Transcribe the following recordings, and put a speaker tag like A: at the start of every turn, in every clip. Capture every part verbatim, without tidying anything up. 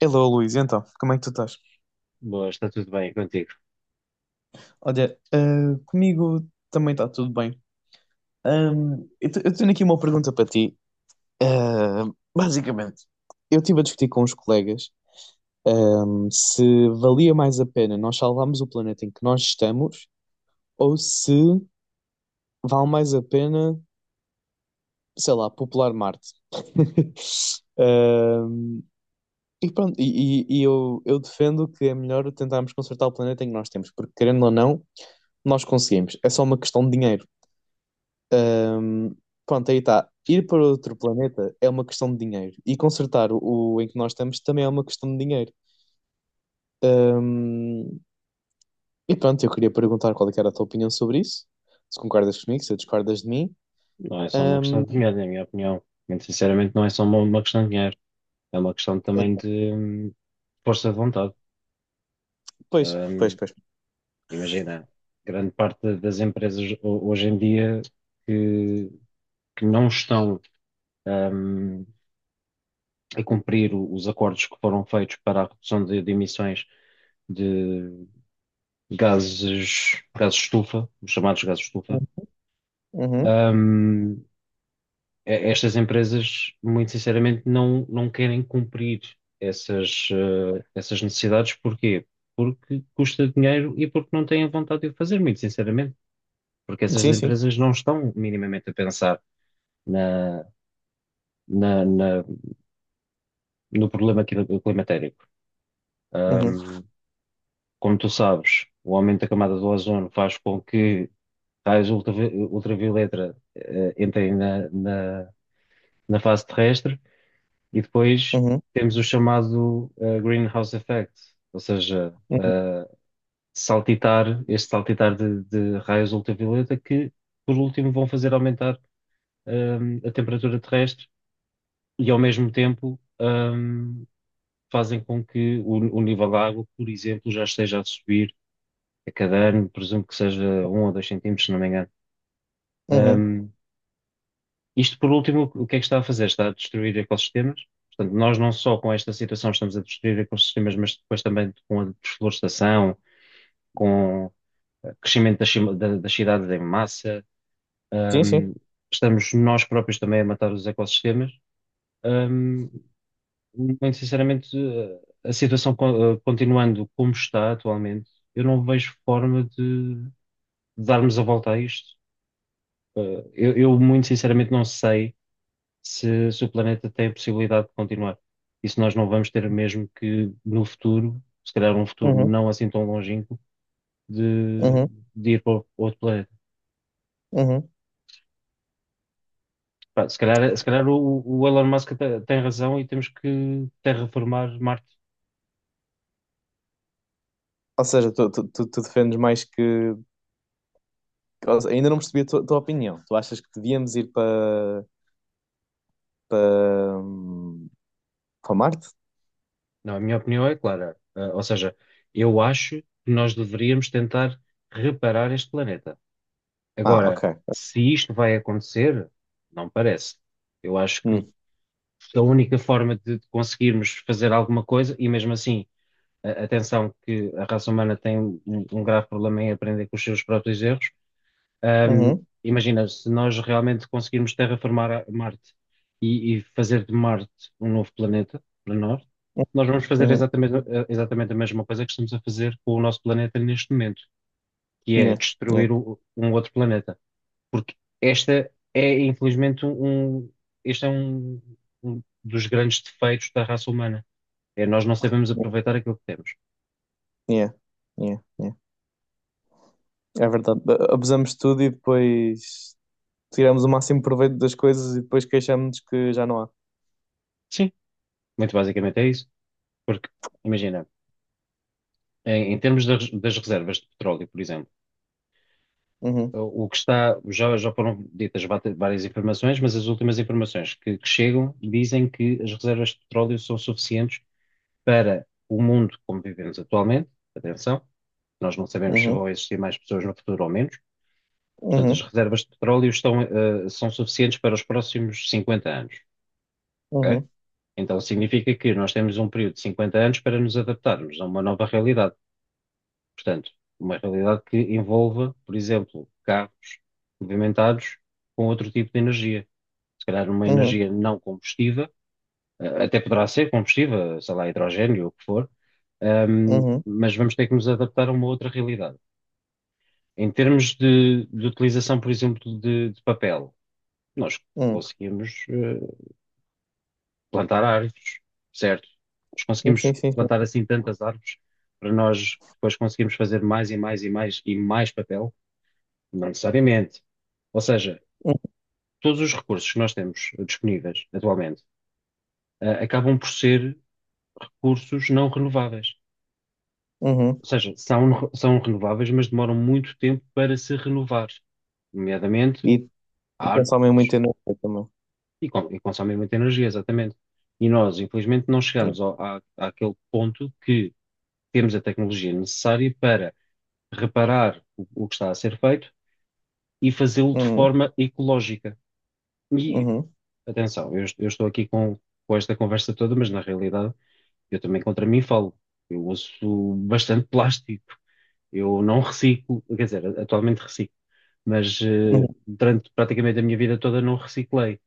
A: Hello, Luís, então, como é que tu estás?
B: Boa, está tudo bem contigo.
A: Olha, ah, comigo também está tudo bem. Ahm, eu, te- eu tenho aqui uma pergunta para ti. Ah, Basicamente, eu estive a discutir com os colegas, ahm, se valia mais a pena nós salvarmos o planeta em que nós estamos, ou se vale mais a pena, sei lá, popular Marte. Ahm, e pronto, e, e- e eu, eu defendo que é melhor tentarmos consertar o planeta em que nós temos, porque querendo ou não. Nós conseguimos, é só uma questão de dinheiro. Ahm, Pronto, aí está. Ir para outro planeta é uma questão de dinheiro. E consertar o, o em que nós estamos também é uma questão de dinheiro. Ahm, e pronto, eu queria perguntar qual é que era a tua opinião sobre isso. Se concordas comigo, se discordas de mim.
B: Não é só uma questão
A: Ahm,
B: de dinheiro, na minha opinião. Muito sinceramente, não é só uma, uma questão de dinheiro. É uma questão também
A: então,
B: de hum, força de vontade.
A: pois, pois,
B: Hum,
A: pois.
B: imagina, grande parte das empresas ho- hoje em dia que, que não estão hum, a cumprir o- os acordos que foram feitos para a redução de, de emissões de gases, gases estufa, os chamados gases estufa.
A: Uhum.
B: hum, eh, Estas empresas, muito sinceramente, não, não querem cumprir essas, eh, essas necessidades. Porquê? Porque custa dinheiro e porque não têm vontade de o fazer, muito sinceramente. Porque essas
A: Sim, sim.
B: empresas não estão minimamente a pensar na, na- na- no problema cli- climatérico.
A: Uhum.
B: Ahm, Como tu sabes, o aumento da camada do ozono faz com que raios ultravi- ultravioleta, eh, entrem na na- na fase terrestre. E depois
A: Uhum.
B: temos o chamado eh, greenhouse effect, ou seja,
A: Uhum.
B: saltitar, este saltitar de, de raios ultravioleta que, por último, vão fazer aumentar hum, a temperatura terrestre e, ao mesmo tempo, hum, fazem com que o, o nível da água, por exemplo, já esteja a subir a cada ano, presumo que seja um ou dois centímetros, se não me engano.
A: Uhum.
B: Hum, Isto, por último, o que é que está a fazer? Está a destruir ecossistemas. Portanto, nós não só com esta situação estamos a destruir ecossistemas, mas depois também com a desflorestação, com o crescimento das, cima- da- das cidades em massa,
A: Sim, sim.
B: hum, estamos nós próprios também a matar os ecossistemas. Hum, muito sinceramente, eh, a situação co- eh, continuando como está atualmente, eu não vejo forma de darmos a volta a isto. Uh, eu, eu, muito sinceramente, não sei se, se o planeta tem a possibilidade de continuar. E se nós não vamos ter mesmo que, no futuro, se calhar um futuro
A: Uhum.
B: não assim tão longínquo, de,
A: Uhum.
B: de ir para outro planeta.
A: Uhum.
B: Pá, se calhar, se calhar o, o Elon Musk te- tem razão e temos que terraformar Marte.
A: Ou seja, tu, tu, tu, tu defendes mais que. Ou seja, ainda não percebi a tua, tua opinião. Tu achas que devíamos ir para para, para Marte?
B: Não, a minha opinião é clara. Ah, ou seja, eu acho que nós deveríamos tentar reparar este planeta.
A: Ah, ok.
B: Agora, se isto vai acontecer, não parece. Eu acho que
A: Hum.
B: a única forma de de conseguirmos fazer alguma coisa, e mesmo assim, a- atenção que a raça humana tem um, um um grave problema em aprender com os seus próprios erros. Ahm,
A: Uhum.
B: Imagina, se nós realmente conseguirmos terraformar a- Marte e, e fazer de Marte um novo planeta para nós,
A: Uhum.
B: nós vamos fazer
A: Uhum.
B: exatamente, a- exatamente a mesma coisa que estamos a fazer com o nosso planeta neste momento, que é
A: Yeah. Yeah.
B: destruir o- um outro planeta, porque esta é, infelizmente, um, este é um, um dos grandes defeitos da raça humana. É nós não sabemos aproveitar aquilo que temos.
A: Yeah. Yeah. Yeah. É verdade. A- abusamos de tudo e depois tiramos o máximo proveito das coisas e depois queixamos-nos que já não há.
B: Sim, muito basicamente é isso, porque, imagina, em, em termos das, das reservas de petróleo, por exemplo,
A: Uhum.
B: o o que está, já, já foram ditas vata- várias informações, mas as últimas informações que, que chegam dizem que as reservas de petróleo são suficientes para o mundo como vivemos atualmente. Atenção, nós não sabemos se
A: Uhum.
B: vão existir mais pessoas no futuro ou menos. Portanto, as
A: Uhum.
B: reservas de petróleo estão, eh, são suficientes para os próximos cinquenta anos, ok?
A: Uhum.
B: Então, significa que nós temos um período de cinquenta anos para nos adaptarmos a uma nova realidade. Portanto, uma realidade que envolva, por exemplo, carros movimentados com outro tipo de energia. Se calhar uma
A: Uhum.
B: energia não combustível, eh, até poderá ser combustível, sei lá, hidrogênio ou o que for, ehm,
A: Uhum.
B: mas vamos ter que nos adaptar a uma outra realidade. Em termos de, de utilização, por exemplo, de de papel, nós
A: Uhum.
B: conseguimos eh, plantar árvores, certo? Nós conseguimos
A: Sim, sim, sim.
B: plantar assim tantas árvores para nós depois conseguirmos fazer mais e mais e mais e mais papel? Não necessariamente. Ou seja,
A: Uhum.
B: todos os recursos que nós temos disponíveis atualmente, eh, acabam por ser recursos não renováveis.
A: Uhum.
B: Ou seja, são, são renováveis, mas demoram muito tempo para se renovar, nomeadamente
A: E
B: árvores,
A: consomem muito energia também.
B: E, com- e consomem muita energia, exatamente. E nós, infelizmente, não
A: Yeah.
B: chegamos ao, à, àquele ponto que temos a tecnologia necessária para reparar o, o que está a ser feito e fazê-lo de
A: Uhum.
B: forma ecológica. E,
A: Uhum.
B: atenção, eu, est- eu estou aqui com, com esta conversa toda, mas na realidade eu também contra mim falo. Eu uso bastante plástico, eu não reciclo, quer dizer, atualmente reciclo, mas eh,
A: Uhum.
B: durante praticamente a minha vida toda não reciclei.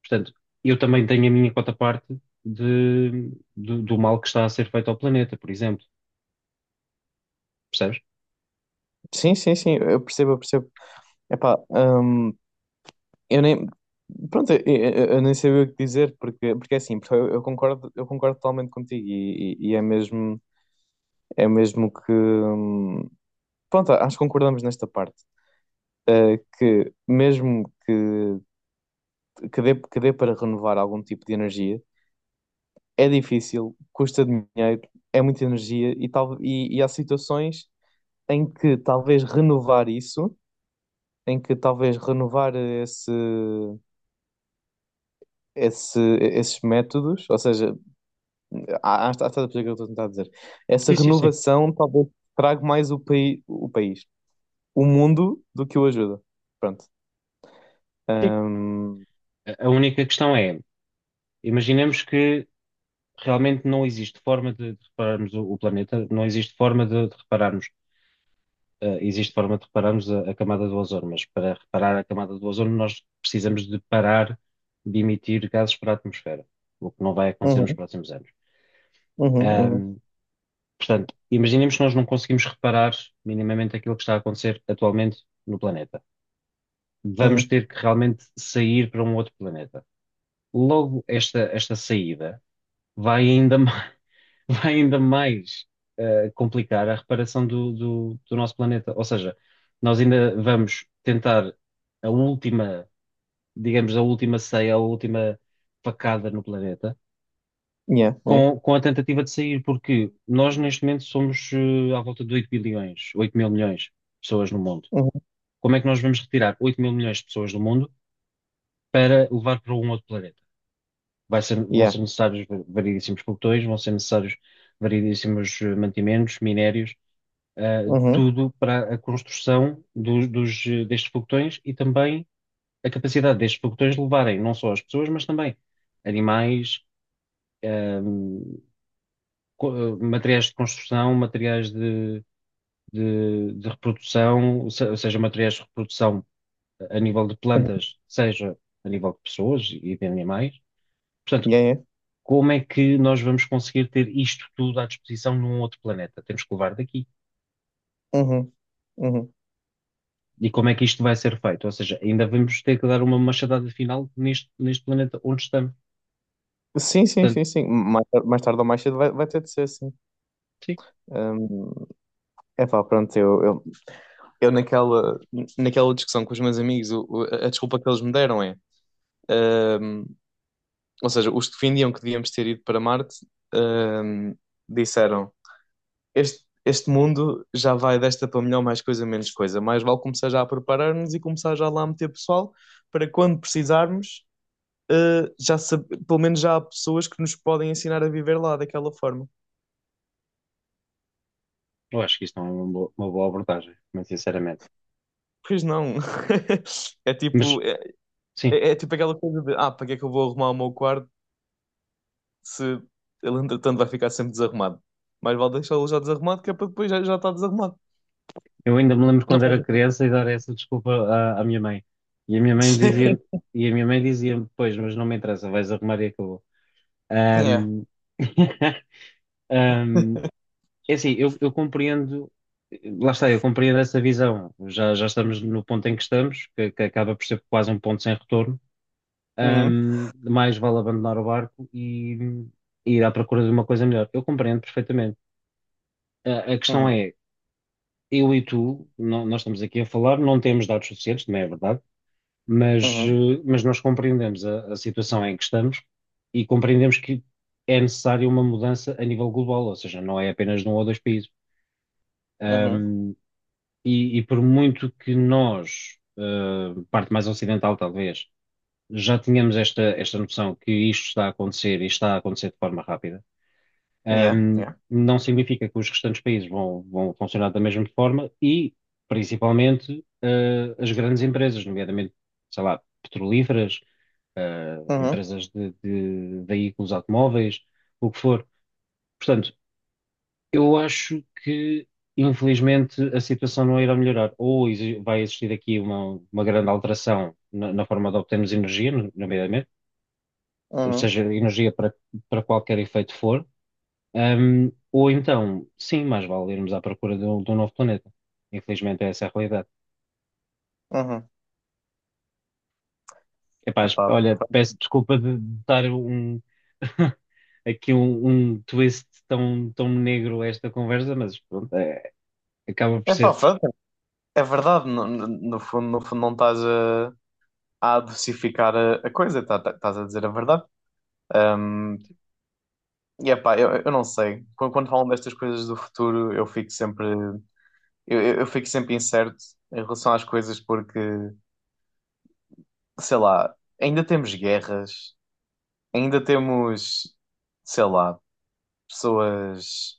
B: Portanto, eu também tenho a minha quota parte de, do, do mal que está a ser feito ao planeta, por exemplo. Percebes?
A: Sim, sim, sim. Eu percebo, eu percebo. Epá, hum, eu nem. Pronto, eu, eu- eu nem sabia o que dizer, porque, porque é assim, porque eu, eu concordo, eu concordo totalmente contigo e, e- e é mesmo, é mesmo que. hum, Pronto, acho que concordamos nesta parte, eh, que mesmo que, que, dê, que dê para renovar algum tipo de energia, é difícil, custa dinheiro, é muita energia e, tal, e, e há situações em que talvez renovar isso, em que talvez renovar esse, esse, esses métodos, ou seja, Ah, ah, estás a perceber o que eu estou a tentar dizer. Essa
B: Sim, sim, sim.
A: renovação talvez traga mais o, paí o país, o mundo, do que o ajuda. Pronto.
B: Sim.
A: Um,
B: A a única questão é, imaginemos que realmente não existe forma de, de repararmos o, o planeta, não existe forma de, de repararmos, eh, existe forma de repararmos a, a camada do ozono, mas para reparar a camada do ozono nós precisamos de parar de emitir gases para a atmosfera, o que não vai acontecer nos
A: uhum,
B: próximos anos.
A: uhum, uhum,
B: Ahm, Portanto, imaginemos que nós não conseguimos reparar minimamente aquilo que está a acontecer atualmente no planeta. Vamos
A: uhum.
B: ter que realmente sair para um outro planeta. Logo, esta, esta saída vai ainda mais, vai ainda mais eh, complicar a reparação do, do, do nosso planeta. Ou seja, nós ainda vamos tentar a última, digamos, a última ceia, a última facada no planeta
A: Yeah, yeah,
B: com, com a tentativa de sair, porque nós neste momento somos eh, à volta de oito bilhões, oito mil milhões de pessoas no mundo.
A: uhum,
B: Como é que nós vamos retirar oito mil milhões de pessoas do mundo para levar para um outro planeta? Vai ser- vão
A: yeah,
B: ser necessários va- variedíssimos pelotões, vão ser necessários variedíssimos eh, mantimentos, minérios, eh,
A: uhum,
B: tudo para a construção dos, dos, eh, destes pelotões e também a capacidade destes pelotões de levarem não só as pessoas, mas também animais, eh, co- materiais de construção, materiais de, de, de reprodução, se- seja materiais de reprodução a nível de
A: uhum,
B: plantas, seja a nível de pessoas e de animais. Portanto,
A: yeah, yeah,
B: como é que nós vamos conseguir ter isto tudo à disposição num outro planeta? Temos que levar daqui.
A: uhum, uhum.
B: E como é que isto vai ser feito? Ou seja, ainda vamos ter que dar uma machadada final neste, neste planeta onde estamos.
A: Sim, sim,
B: Portanto,
A: sim, sim. Mais, tar- mais tarde ou mais cedo vai, vai ter de ser assim.
B: sim,
A: É pá, pronto, eu, eu, eu naquela, naquela discussão com os meus amigos, o- o- a desculpa que eles me deram é. Ou seja, os que defendiam que devíamos ter ido para Marte, hum, disseram: este, este mundo já vai desta para melhor, mais coisa, menos coisa. Mais vale começar já a preparar-nos e começar já lá a meter pessoal para quando precisarmos, eh, já sab- pelo menos já há pessoas que nos podem ensinar a viver lá daquela forma.
B: eu acho que isto não é uma boa, uma boa abordagem, muito sinceramente.
A: Pois não. É
B: Mas,
A: tipo, é,
B: sim,
A: é- é tipo aquela coisa de: ah, para que é que eu vou arrumar o meu quarto se ele entretanto vai ficar sempre desarrumado? Mais vale deixá-lo já desarrumado, que é para depois já, já está desarrumado.
B: eu ainda me lembro
A: Não
B: quando
A: faz
B: era criança e dar essa desculpa à, à minha mãe. E a minha mãe
A: sentido.
B: dizia, e a minha mãe dizia pois, mas não me interessa, vais arrumar e acabou.
A: Yeah.
B: Ahm, ahm, é assim, eu, eu compreendo, lá está, eu compreendo essa visão. Já, já estamos no ponto em que estamos, que, que acaba por ser quase um ponto sem retorno.
A: Uhum.
B: Ahm, mais vale abandonar o barco e, e ir à procura de uma coisa melhor. Eu compreendo perfeitamente. A, a questão
A: Uhum.
B: é, eu e tu, nó- nós estamos aqui a falar, não temos dados suficientes, não é verdade? mas,
A: Uhum.
B: eh, mas nós compreendemos a, a situação em que estamos e compreendemos que é necessária uma mudança a nível global, ou seja, não é apenas num ou dois países.
A: Uhum.
B: Ahm, e, e por muito que nós, eh, parte mais ocidental talvez, já tínhamos esta, esta noção que isto está a acontecer e está a acontecer de forma rápida,
A: Yeah.
B: um,
A: Yeah.
B: não significa que os restantes países vão, vão funcionar da mesma forma e, principalmente, eh, as grandes empresas, nomeadamente, sei lá, petrolíferas, eh,
A: Uhum.
B: empresas de, de veículos automóveis, o que for. Portanto, eu acho que, infelizmente, a situação não irá melhorar. Ou exi- vai existir aqui uma, uma grande alteração na, na forma de obtermos energia, nomeadamente,
A: Uhum.
B: seja energia para, para qualquer efeito for. Ahm, ou então, sim, mais vale irmos à procura de um, de um novo planeta. Infelizmente, é essa a realidade.
A: Uhum.
B: Epaz,
A: Epá,
B: olha,
A: pronto.
B: peço desculpa de de dar um, aqui um, um twist tão, tão negro a esta conversa, mas pronto, é- acaba por
A: Epá,
B: ser.
A: pronto. É verdade. No, no- no fundo, no fundo não estás a, a adocificar a, a coisa. tá- tá- Estás a dizer a verdade. Um, e epá, eu, eu não sei. Quando, quando falam destas coisas do futuro, eu fico sempre... Eu, eu eu fico sempre incerto em relação às coisas porque, sei lá, ainda temos guerras, ainda temos, sei lá, pessoas...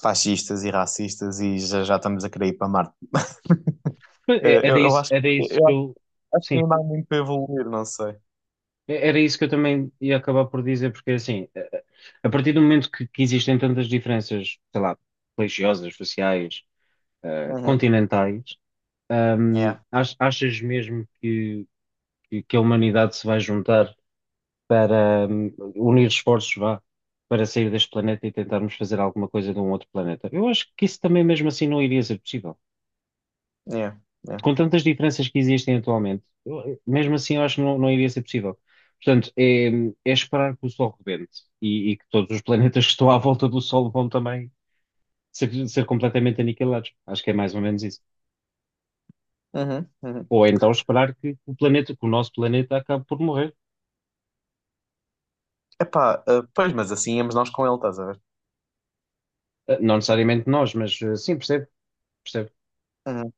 A: fascistas e racistas e já, já estamos a querer ir para Marte.
B: Mas é-
A: Eu,
B: era
A: eu
B: isso,
A: acho,
B: era
A: que-
B: isso
A: eu
B: que
A: acho,
B: eu.
A: acho que
B: Sim,
A: ainda há muito para evoluir, não sei.
B: é- era isso que eu também ia acabar por dizer, porque assim, eh, a partir do momento que, que existem tantas diferenças, sei lá, religiosas, sociais, eh,
A: Uhum.
B: continentais. Hum,
A: É
B: ach- achas mesmo que, que, que a humanidade se vai juntar para, hum, unir esforços, vá, para sair deste planeta e tentarmos fazer alguma coisa de um outro planeta? Eu acho que isso também mesmo assim não iria ser possível.
A: é. É.
B: Com tantas diferenças que existem atualmente, eu- mesmo assim eu acho que não, não iria ser possível. Portanto, é, é esperar que o Sol rebente e, e que todos os planetas que estão à volta do Sol vão também ser, ser completamente aniquilados. Acho que é mais ou menos isso.
A: Uhum, uhum.
B: Ou então esperar que o planeta, que o nosso planeta acabe por morrer.
A: Epá, eh, pois, mas assim íamos nós com ele, estás a ver?
B: Eh, Não necessariamente nós, mas eh, sim, percebo, percebo.
A: Uhum.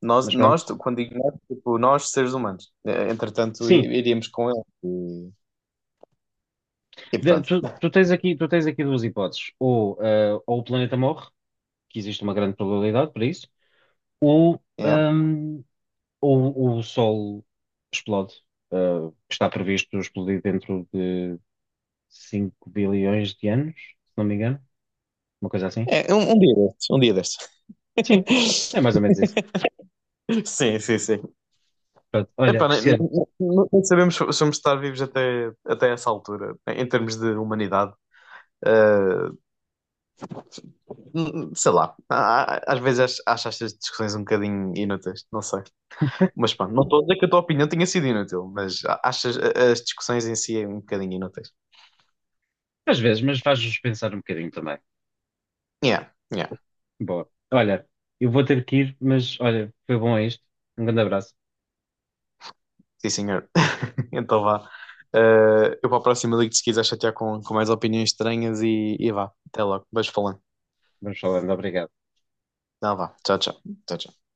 A: Nós,
B: Mas pronto.
A: nós, quando digo nós, tipo, nós seres humanos, eh, entretanto,
B: Sim,
A: i- iríamos com ele. E, e
B: de-
A: pronto,
B: tu, tu tens aqui, tu tens aqui duas hipóteses. Ou, eh, ou o planeta morre, que existe uma grande probabilidade para isso, ou,
A: yeah.
B: hum, ou, o Sol explode, eh, que está previsto explodir dentro de cinco bilhões de anos, se não me engano. Uma coisa assim.
A: É, um, um dia destes, um dia
B: Sim, é
A: destes.
B: mais ou menos isso.
A: Sim, sim, sim.
B: Pronto, olha,
A: Epá, nem, nem-
B: Cristiano,
A: nem- nem sabemos se se vamos estar vivos até, até essa altura, em termos de humanidade. Uh, Sei lá, há- há- às vezes acho, acho estas discussões um bocadinho inúteis, não sei. Mas pá, não estou a dizer que a tua opinião tenha sido inútil, mas a- acho as, as discussões em si é um bocadinho inúteis.
B: às vezes, mas faz-nos pensar um bocadinho também.
A: Yeah, yeah,
B: Boa. Olha, eu vou ter que ir, mas olha, foi bom isto. Um grande abraço.
A: sim senhor. Então vá. Uh, eu para a próxima ligo-te se quiser chatear com, com mais opiniões estranhas e, e vá, até logo. Beijo falando.
B: Vamos falando. Obrigado.
A: Não, vá, tchau, tchau. Tchau, tchau.